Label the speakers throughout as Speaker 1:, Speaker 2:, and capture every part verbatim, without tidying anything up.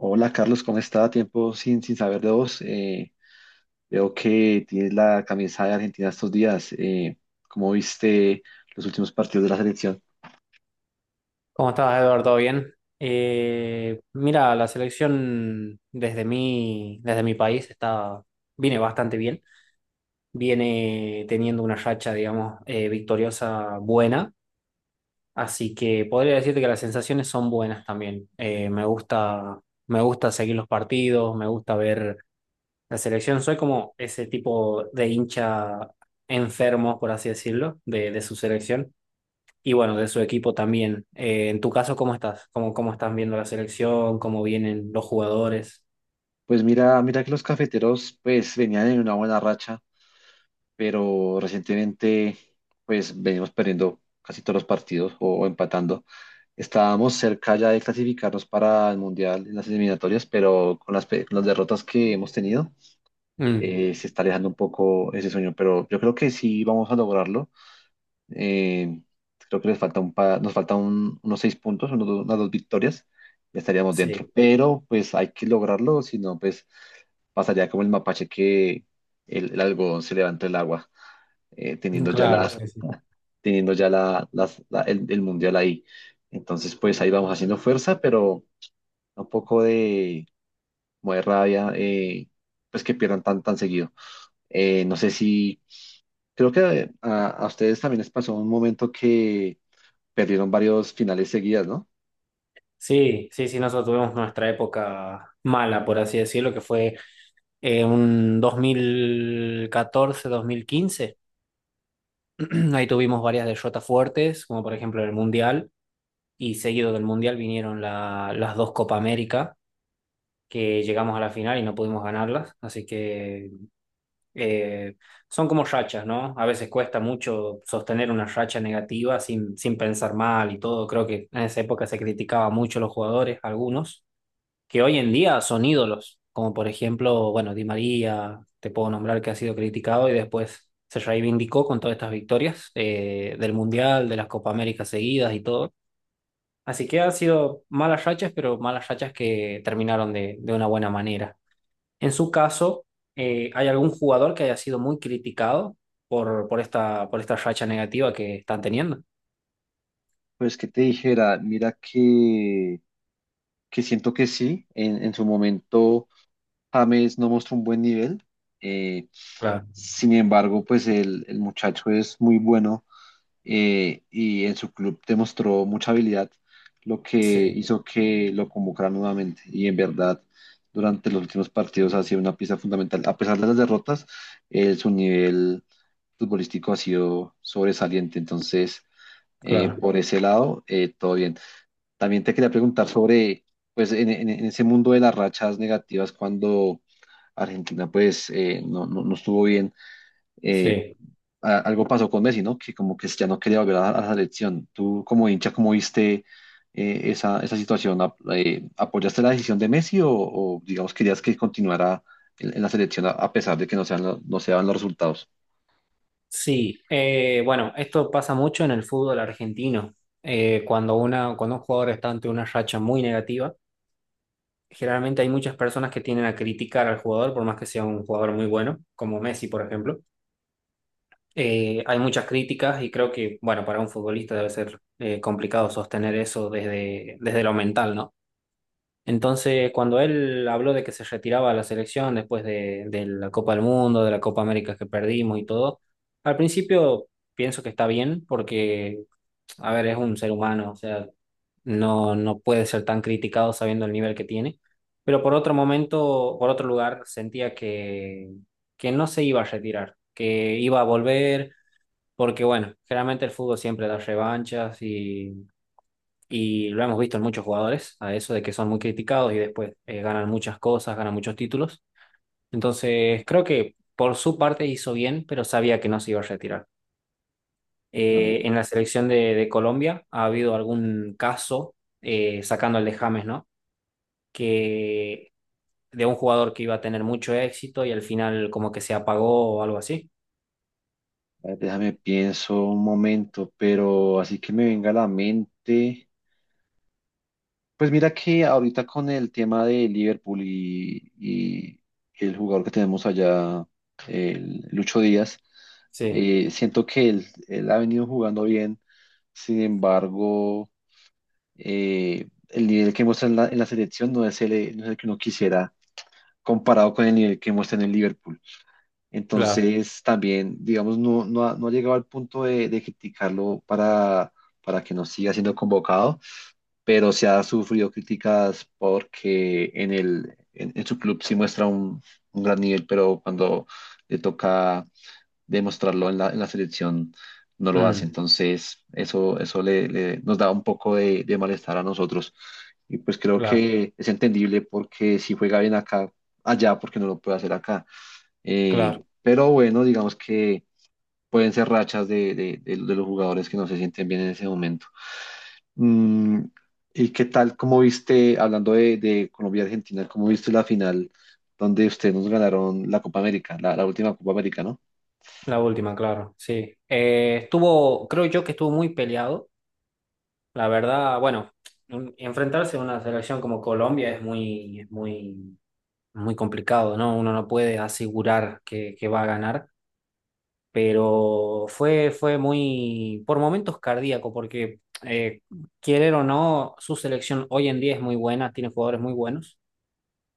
Speaker 1: Hola Carlos, ¿cómo está? Tiempo sin, sin saber de vos. Eh, veo que tienes la camisa de Argentina estos días. Eh, ¿cómo viste los últimos partidos de la selección?
Speaker 2: ¿Cómo estás, Eduardo? ¿Todo bien? Eh, mira, la selección desde mi, desde mi país está, viene bastante bien. Viene teniendo una racha, digamos, eh, victoriosa buena. Así que podría decirte que las sensaciones son buenas también. Eh, me gusta, me gusta seguir los partidos, me gusta ver la selección. Soy como ese tipo de hincha enfermo, por así decirlo, de, de su selección y bueno, de su equipo también. Eh, en tu caso, ¿cómo estás? ¿Cómo, ¿cómo están viendo la selección? ¿Cómo vienen los jugadores?
Speaker 1: Pues mira, mira que los cafeteros pues venían en una buena racha, pero recientemente pues venimos perdiendo casi todos los partidos o, o empatando. Estábamos cerca ya de clasificarnos para el Mundial en las eliminatorias, pero con las, pe- con las derrotas que hemos tenido
Speaker 2: Mm,
Speaker 1: eh, se está alejando un poco ese sueño, pero yo creo que sí vamos a lograrlo. Eh, Creo que les falta un pa- nos falta un- unos seis puntos, unos do- unas dos victorias, ya estaríamos dentro.
Speaker 2: sí,
Speaker 1: Pero pues hay que lograrlo, si no, pues pasaría como el mapache que el, el algodón se levanta el agua, eh, teniendo ya
Speaker 2: claro,
Speaker 1: las,
Speaker 2: sí, sí.
Speaker 1: teniendo ya la, las- la- el, el mundial ahí. Entonces, pues ahí vamos haciendo fuerza, pero un poco de, como de rabia, eh, pues que pierdan tan, tan seguido. Eh, no sé si, creo que a, a ustedes también les pasó un momento que perdieron varios finales seguidas, ¿no?
Speaker 2: Sí, sí, sí, nosotros tuvimos nuestra época mala, por así decirlo, que fue eh, un dos mil catorce, dos mil quince. Ahí tuvimos varias derrotas fuertes, como por ejemplo el Mundial, y seguido del Mundial vinieron la- las dos Copa América, que llegamos a la final y no pudimos ganarlas, así que eh, son como rachas, ¿no? A veces cuesta mucho sostener una racha negativa sin, sin pensar mal y todo. Creo que en esa época se criticaba mucho a los jugadores, algunos, que hoy en día son ídolos, como por ejemplo, bueno, Di María, te puedo nombrar que ha sido criticado y después se reivindicó con todas estas victorias eh, del Mundial, de las Copa América seguidas y todo. Así que han sido malas rachas, pero malas rachas que terminaron de, de una buena manera. En su caso, eh, ¿hay algún jugador que haya sido muy criticado por, por esta, por esta racha negativa que están teniendo?
Speaker 1: Pues que te dijera, mira que, que siento que sí, en, en su momento James no mostró un buen nivel, eh,
Speaker 2: Claro,
Speaker 1: sin embargo, pues el, el muchacho es muy bueno, eh, y en su club demostró mucha habilidad, lo que
Speaker 2: sí,
Speaker 1: hizo que lo convocaran nuevamente y en verdad durante los últimos partidos ha sido una pieza fundamental, a pesar de las derrotas. Eh, su nivel futbolístico ha sido sobresaliente. Entonces, Eh,
Speaker 2: claro,
Speaker 1: por ese lado, eh, todo bien. También te quería preguntar sobre, pues, en, en- en ese mundo de las rachas negativas, cuando Argentina, pues, eh, no, no, no estuvo bien, eh,
Speaker 2: sí.
Speaker 1: a- algo pasó con Messi, ¿no? Que como que ya no quería volver a, a la selección. Tú, como hincha, ¿cómo viste eh, esa, esa situación? ¿Ap- eh, ¿Apoyaste la decisión de Messi o, o, digamos, querías que continuara en, en la selección a, a pesar de que no sean, lo- no se daban los resultados?
Speaker 2: Sí, eh, bueno, esto pasa mucho en el fútbol argentino. Eh, cuando una, cuando un jugador está ante una racha muy negativa, generalmente hay muchas personas que tienden a criticar al jugador, por más que sea un jugador muy bueno, como Messi, por ejemplo. Eh, hay muchas críticas y creo que, bueno, para un futbolista debe ser eh, complicado sostener eso desde, desde lo mental, ¿no? Entonces, cuando él habló de que se retiraba a la selección después de, de la Copa del Mundo, de la Copa América que perdimos y todo, al principio pienso que está bien porque, a ver, es un ser humano, o sea, no, no puede ser tan criticado sabiendo el nivel que tiene. Pero por otro momento, por otro lugar, sentía que, que no se iba a retirar, que iba a volver, porque bueno, generalmente el fútbol siempre da revanchas y lo hemos visto en muchos jugadores, a eso de que son muy criticados y después eh, ganan muchas cosas, ganan muchos títulos. Entonces, creo que por su parte hizo bien, pero sabía que no se iba a retirar. Eh, en la selección de, de Colombia ha habido algún caso, eh, sacando el de James, ¿no? Que de un jugador que iba a tener mucho éxito y al final como que se apagó o algo así.
Speaker 1: Eh, Déjame pienso un momento, pero así que me venga a la mente. Pues mira que ahorita con el tema de Liverpool y, y el jugador que tenemos allá, el Lucho Díaz,
Speaker 2: Sí,
Speaker 1: eh, siento que él, él ha venido jugando bien. Sin embargo, eh, el nivel que muestra en la, en la selección no es el, no es el que uno quisiera comparado con el nivel que muestra en el Liverpool.
Speaker 2: claro.
Speaker 1: Entonces, también, digamos, no, no, ha, no ha llegado al punto de, de criticarlo para, para que no siga siendo convocado, pero se ha sufrido críticas porque en el, en, en su club sí muestra un, un gran nivel, pero cuando le toca demostrarlo en la, en la selección no lo hace.
Speaker 2: Mm,
Speaker 1: Entonces, eso, eso le, le- nos da un poco de, de malestar a nosotros. Y pues creo
Speaker 2: claro,
Speaker 1: que es entendible porque si juega bien acá, allá, porque no lo puede hacer acá. Eh,
Speaker 2: claro.
Speaker 1: pero bueno, digamos que pueden ser rachas de, de- de- de los jugadores que no se sienten bien en ese momento. Mm, ¿y qué tal? ¿Cómo viste, hablando de, de Colombia y Argentina, cómo viste la final donde ustedes nos ganaron la Copa América, la, la última Copa América, ¿no?
Speaker 2: La última, claro, sí. Eh, estuvo, creo yo que estuvo muy peleado. La verdad, bueno, un- enfrentarse a una selección como Colombia es muy, es muy, muy complicado, ¿no? Uno no puede asegurar que, que va a ganar, pero fue, fue muy, por momentos cardíaco, porque eh, querer o no, su selección hoy en día es muy buena, tiene jugadores muy buenos,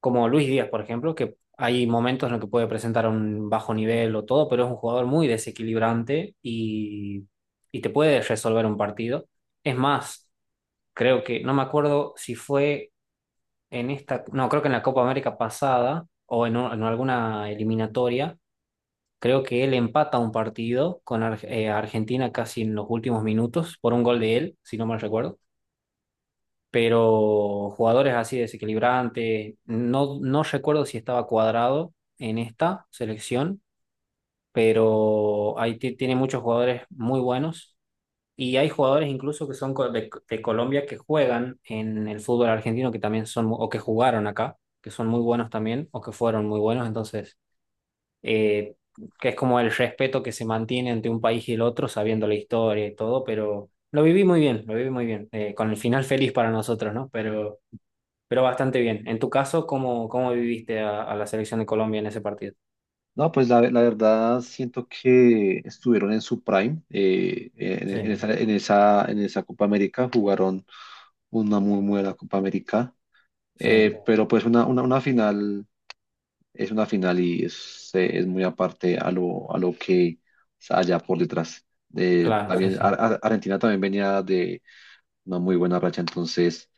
Speaker 2: como Luis Díaz, por ejemplo, que hay momentos en los que puede presentar un bajo nivel o todo, pero es un jugador muy desequilibrante y, y te puede resolver un partido. Es más, creo que, no me acuerdo si fue en esta, no, creo que en la Copa América pasada o en, un- en alguna eliminatoria, creo que él empata un partido con Ar- eh, Argentina casi en los últimos minutos por un gol de él, si no mal recuerdo. Pero jugadores así desequilibrantes, no, no recuerdo si estaba cuadrado en esta selección, pero ahí ti- tiene muchos jugadores muy buenos. Y hay jugadores incluso que son co- de, de Colombia que juegan en el fútbol argentino, que también son, mu- o que jugaron acá, que son muy buenos también, o que fueron muy buenos. Entonces, eh, que es como el respeto que se mantiene entre un país y el otro, sabiendo la historia y todo, pero lo viví muy bien, lo viví muy bien, eh, con el final feliz para nosotros, ¿no? Pero, pero bastante bien. En tu caso, ¿cómo, ¿cómo viviste a, a la selección de Colombia en ese partido?
Speaker 1: No, pues la, la verdad siento que estuvieron en su prime, eh, en, en
Speaker 2: Sí,
Speaker 1: esa, en esa, en esa Copa América, jugaron una muy buena Copa América,
Speaker 2: sí,
Speaker 1: eh, pero pues una, una, una final es una final y es, eh, es muy aparte a lo, a lo que haya por detrás. Eh,
Speaker 2: claro, sí,
Speaker 1: también
Speaker 2: sí,
Speaker 1: Ar- Ar- Argentina también venía de una muy buena racha, entonces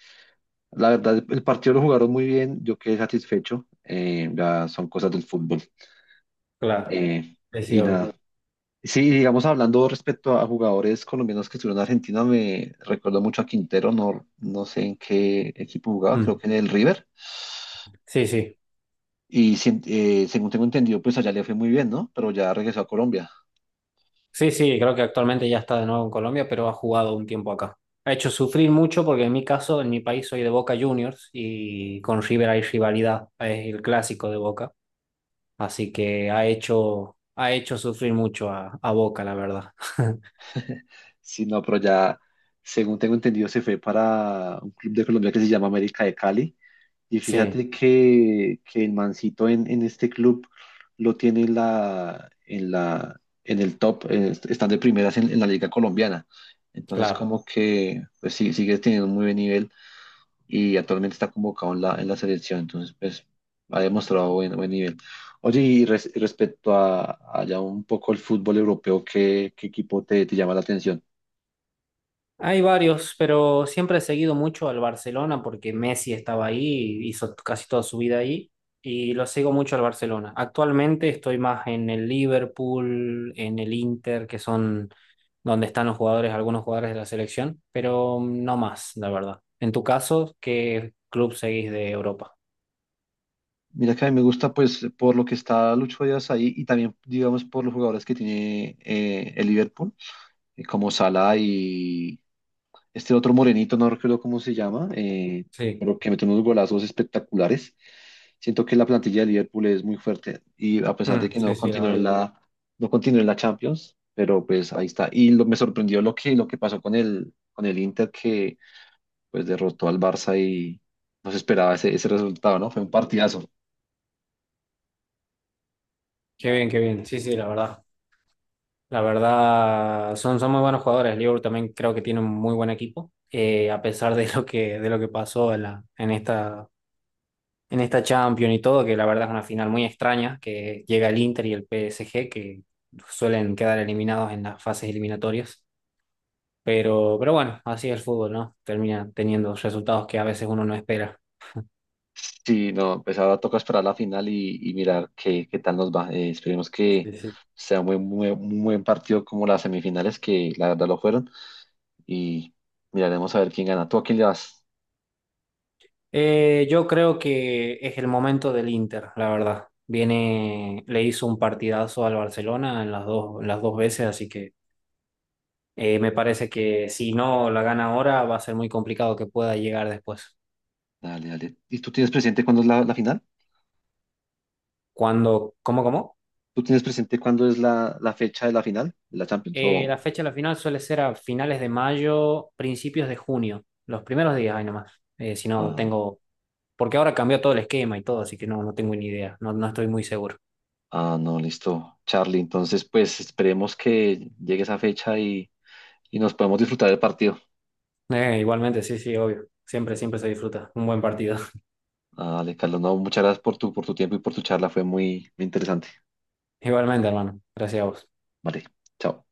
Speaker 1: la verdad el partido lo jugaron muy bien, yo quedé satisfecho, eh, ya son cosas del fútbol.
Speaker 2: claro,
Speaker 1: Eh,
Speaker 2: sí, sí,
Speaker 1: y
Speaker 2: obvio.
Speaker 1: nada, sí, digamos hablando respecto a jugadores colombianos que estuvieron en Argentina, me recuerdo mucho a Quintero, no, no sé en qué equipo jugaba, creo
Speaker 2: Mm.
Speaker 1: que en el River.
Speaker 2: Sí, sí.
Speaker 1: Y sin- eh, según tengo entendido, pues allá le fue muy bien, ¿no? Pero ya regresó a Colombia.
Speaker 2: Sí, sí, creo que actualmente ya está de nuevo en Colombia, pero ha jugado un tiempo acá. Ha hecho sufrir mucho porque en mi caso, en mi país soy de Boca Juniors y con River hay rivalidad, es el clásico de Boca, así que ha hecho, ha hecho sufrir mucho a, a Boca, la verdad.
Speaker 1: Sí, no, pero ya, según tengo entendido, se fue para un club de Colombia que se llama América de Cali. Y
Speaker 2: Sí,
Speaker 1: fíjate que, que el mancito en, en este club lo tiene en la, en la, en el top, eh, están de primeras en, en la liga colombiana. Entonces,
Speaker 2: claro.
Speaker 1: como que, pues sí, sigue teniendo un muy buen nivel. Y actualmente está convocado en la, en la selección, entonces pues ha demostrado buen, buen nivel. Oye, y res- respecto a, a ya un poco el fútbol europeo, ¿qué, ¿qué equipo te, te llama la atención?
Speaker 2: Hay varios, pero siempre he seguido mucho al Barcelona porque Messi estaba ahí, hizo casi toda su vida ahí y lo sigo mucho al Barcelona. Actualmente estoy más en el Liverpool, en el Inter, que son donde están los jugadores, algunos jugadores de la selección, pero no más, la verdad. En tu caso, ¿qué club seguís de Europa?
Speaker 1: Mira que a mí me gusta pues por lo que está Lucho Díaz ahí y también digamos por los jugadores que tiene eh, el Liverpool, eh, como Salah y, este otro morenito, no recuerdo cómo se llama, eh,
Speaker 2: Sí.
Speaker 1: pero que mete unos golazos espectaculares. Siento que la plantilla de Liverpool es muy fuerte y a pesar
Speaker 2: Mm,
Speaker 1: de que
Speaker 2: sí,
Speaker 1: no
Speaker 2: sí, la
Speaker 1: continuó
Speaker 2: verdad.
Speaker 1: en la, no continuó en la Champions, pero pues ahí está. Y lo, me sorprendió lo que, lo que pasó con el, con el Inter, que pues derrotó al Barça y no se esperaba ese, ese resultado, ¿no? Fue un partidazo.
Speaker 2: Qué bien, qué bien. Sí, sí, la verdad. La verdad, son, son muy buenos jugadores. Liverpool también creo que tiene un muy buen equipo. Eh, a pesar de lo que, de lo que pasó en la, en esta, en esta Champions y todo, que la verdad es una final muy extraña, que llega el Inter y el P S G, que suelen quedar eliminados en las fases eliminatorias. Pero, pero bueno, así es el fútbol, ¿no? Termina teniendo resultados que a veces uno no espera.
Speaker 1: Sí, no, pues ahora toca esperar la final y, y mirar qué, qué tal nos va. Eh, esperemos que
Speaker 2: Sí, sí.
Speaker 1: sea un buen, muy- un buen partido como las semifinales, que la verdad lo fueron, y miraremos a ver quién gana. ¿Tú a quién le vas?
Speaker 2: Eh, yo creo que es el momento del Inter, la verdad. Viene, le hizo un partidazo al Barcelona en las dos, en las dos veces, así que eh, me parece que si no la gana ahora va a ser muy complicado que pueda llegar después.
Speaker 1: Dale, dale. ¿Y tú tienes presente cuándo es la, la final?
Speaker 2: Cuando, ¿cómo, cómo?
Speaker 1: ¿Tú tienes presente cuándo es la, la fecha de la final de la Champions?
Speaker 2: Eh,
Speaker 1: O,
Speaker 2: la fecha de la final suele ser a finales de mayo, principios de junio, los primeros días, ahí nomás. Eh, si no
Speaker 1: ah,
Speaker 2: tengo, porque ahora cambió todo el esquema y todo, así que no, no tengo ni idea, no, no estoy muy seguro.
Speaker 1: ah, no, listo, Charlie. Entonces, pues esperemos que llegue esa fecha y, y nos podemos disfrutar del partido.
Speaker 2: Eh, igualmente, sí, sí, obvio. Siempre, siempre se disfruta. Un buen partido.
Speaker 1: Dale, Carlos, no, muchas gracias por tu, por tu tiempo y por tu charla. Fue muy, muy interesante.
Speaker 2: Igualmente, hermano. Gracias a vos.
Speaker 1: Vale, chao.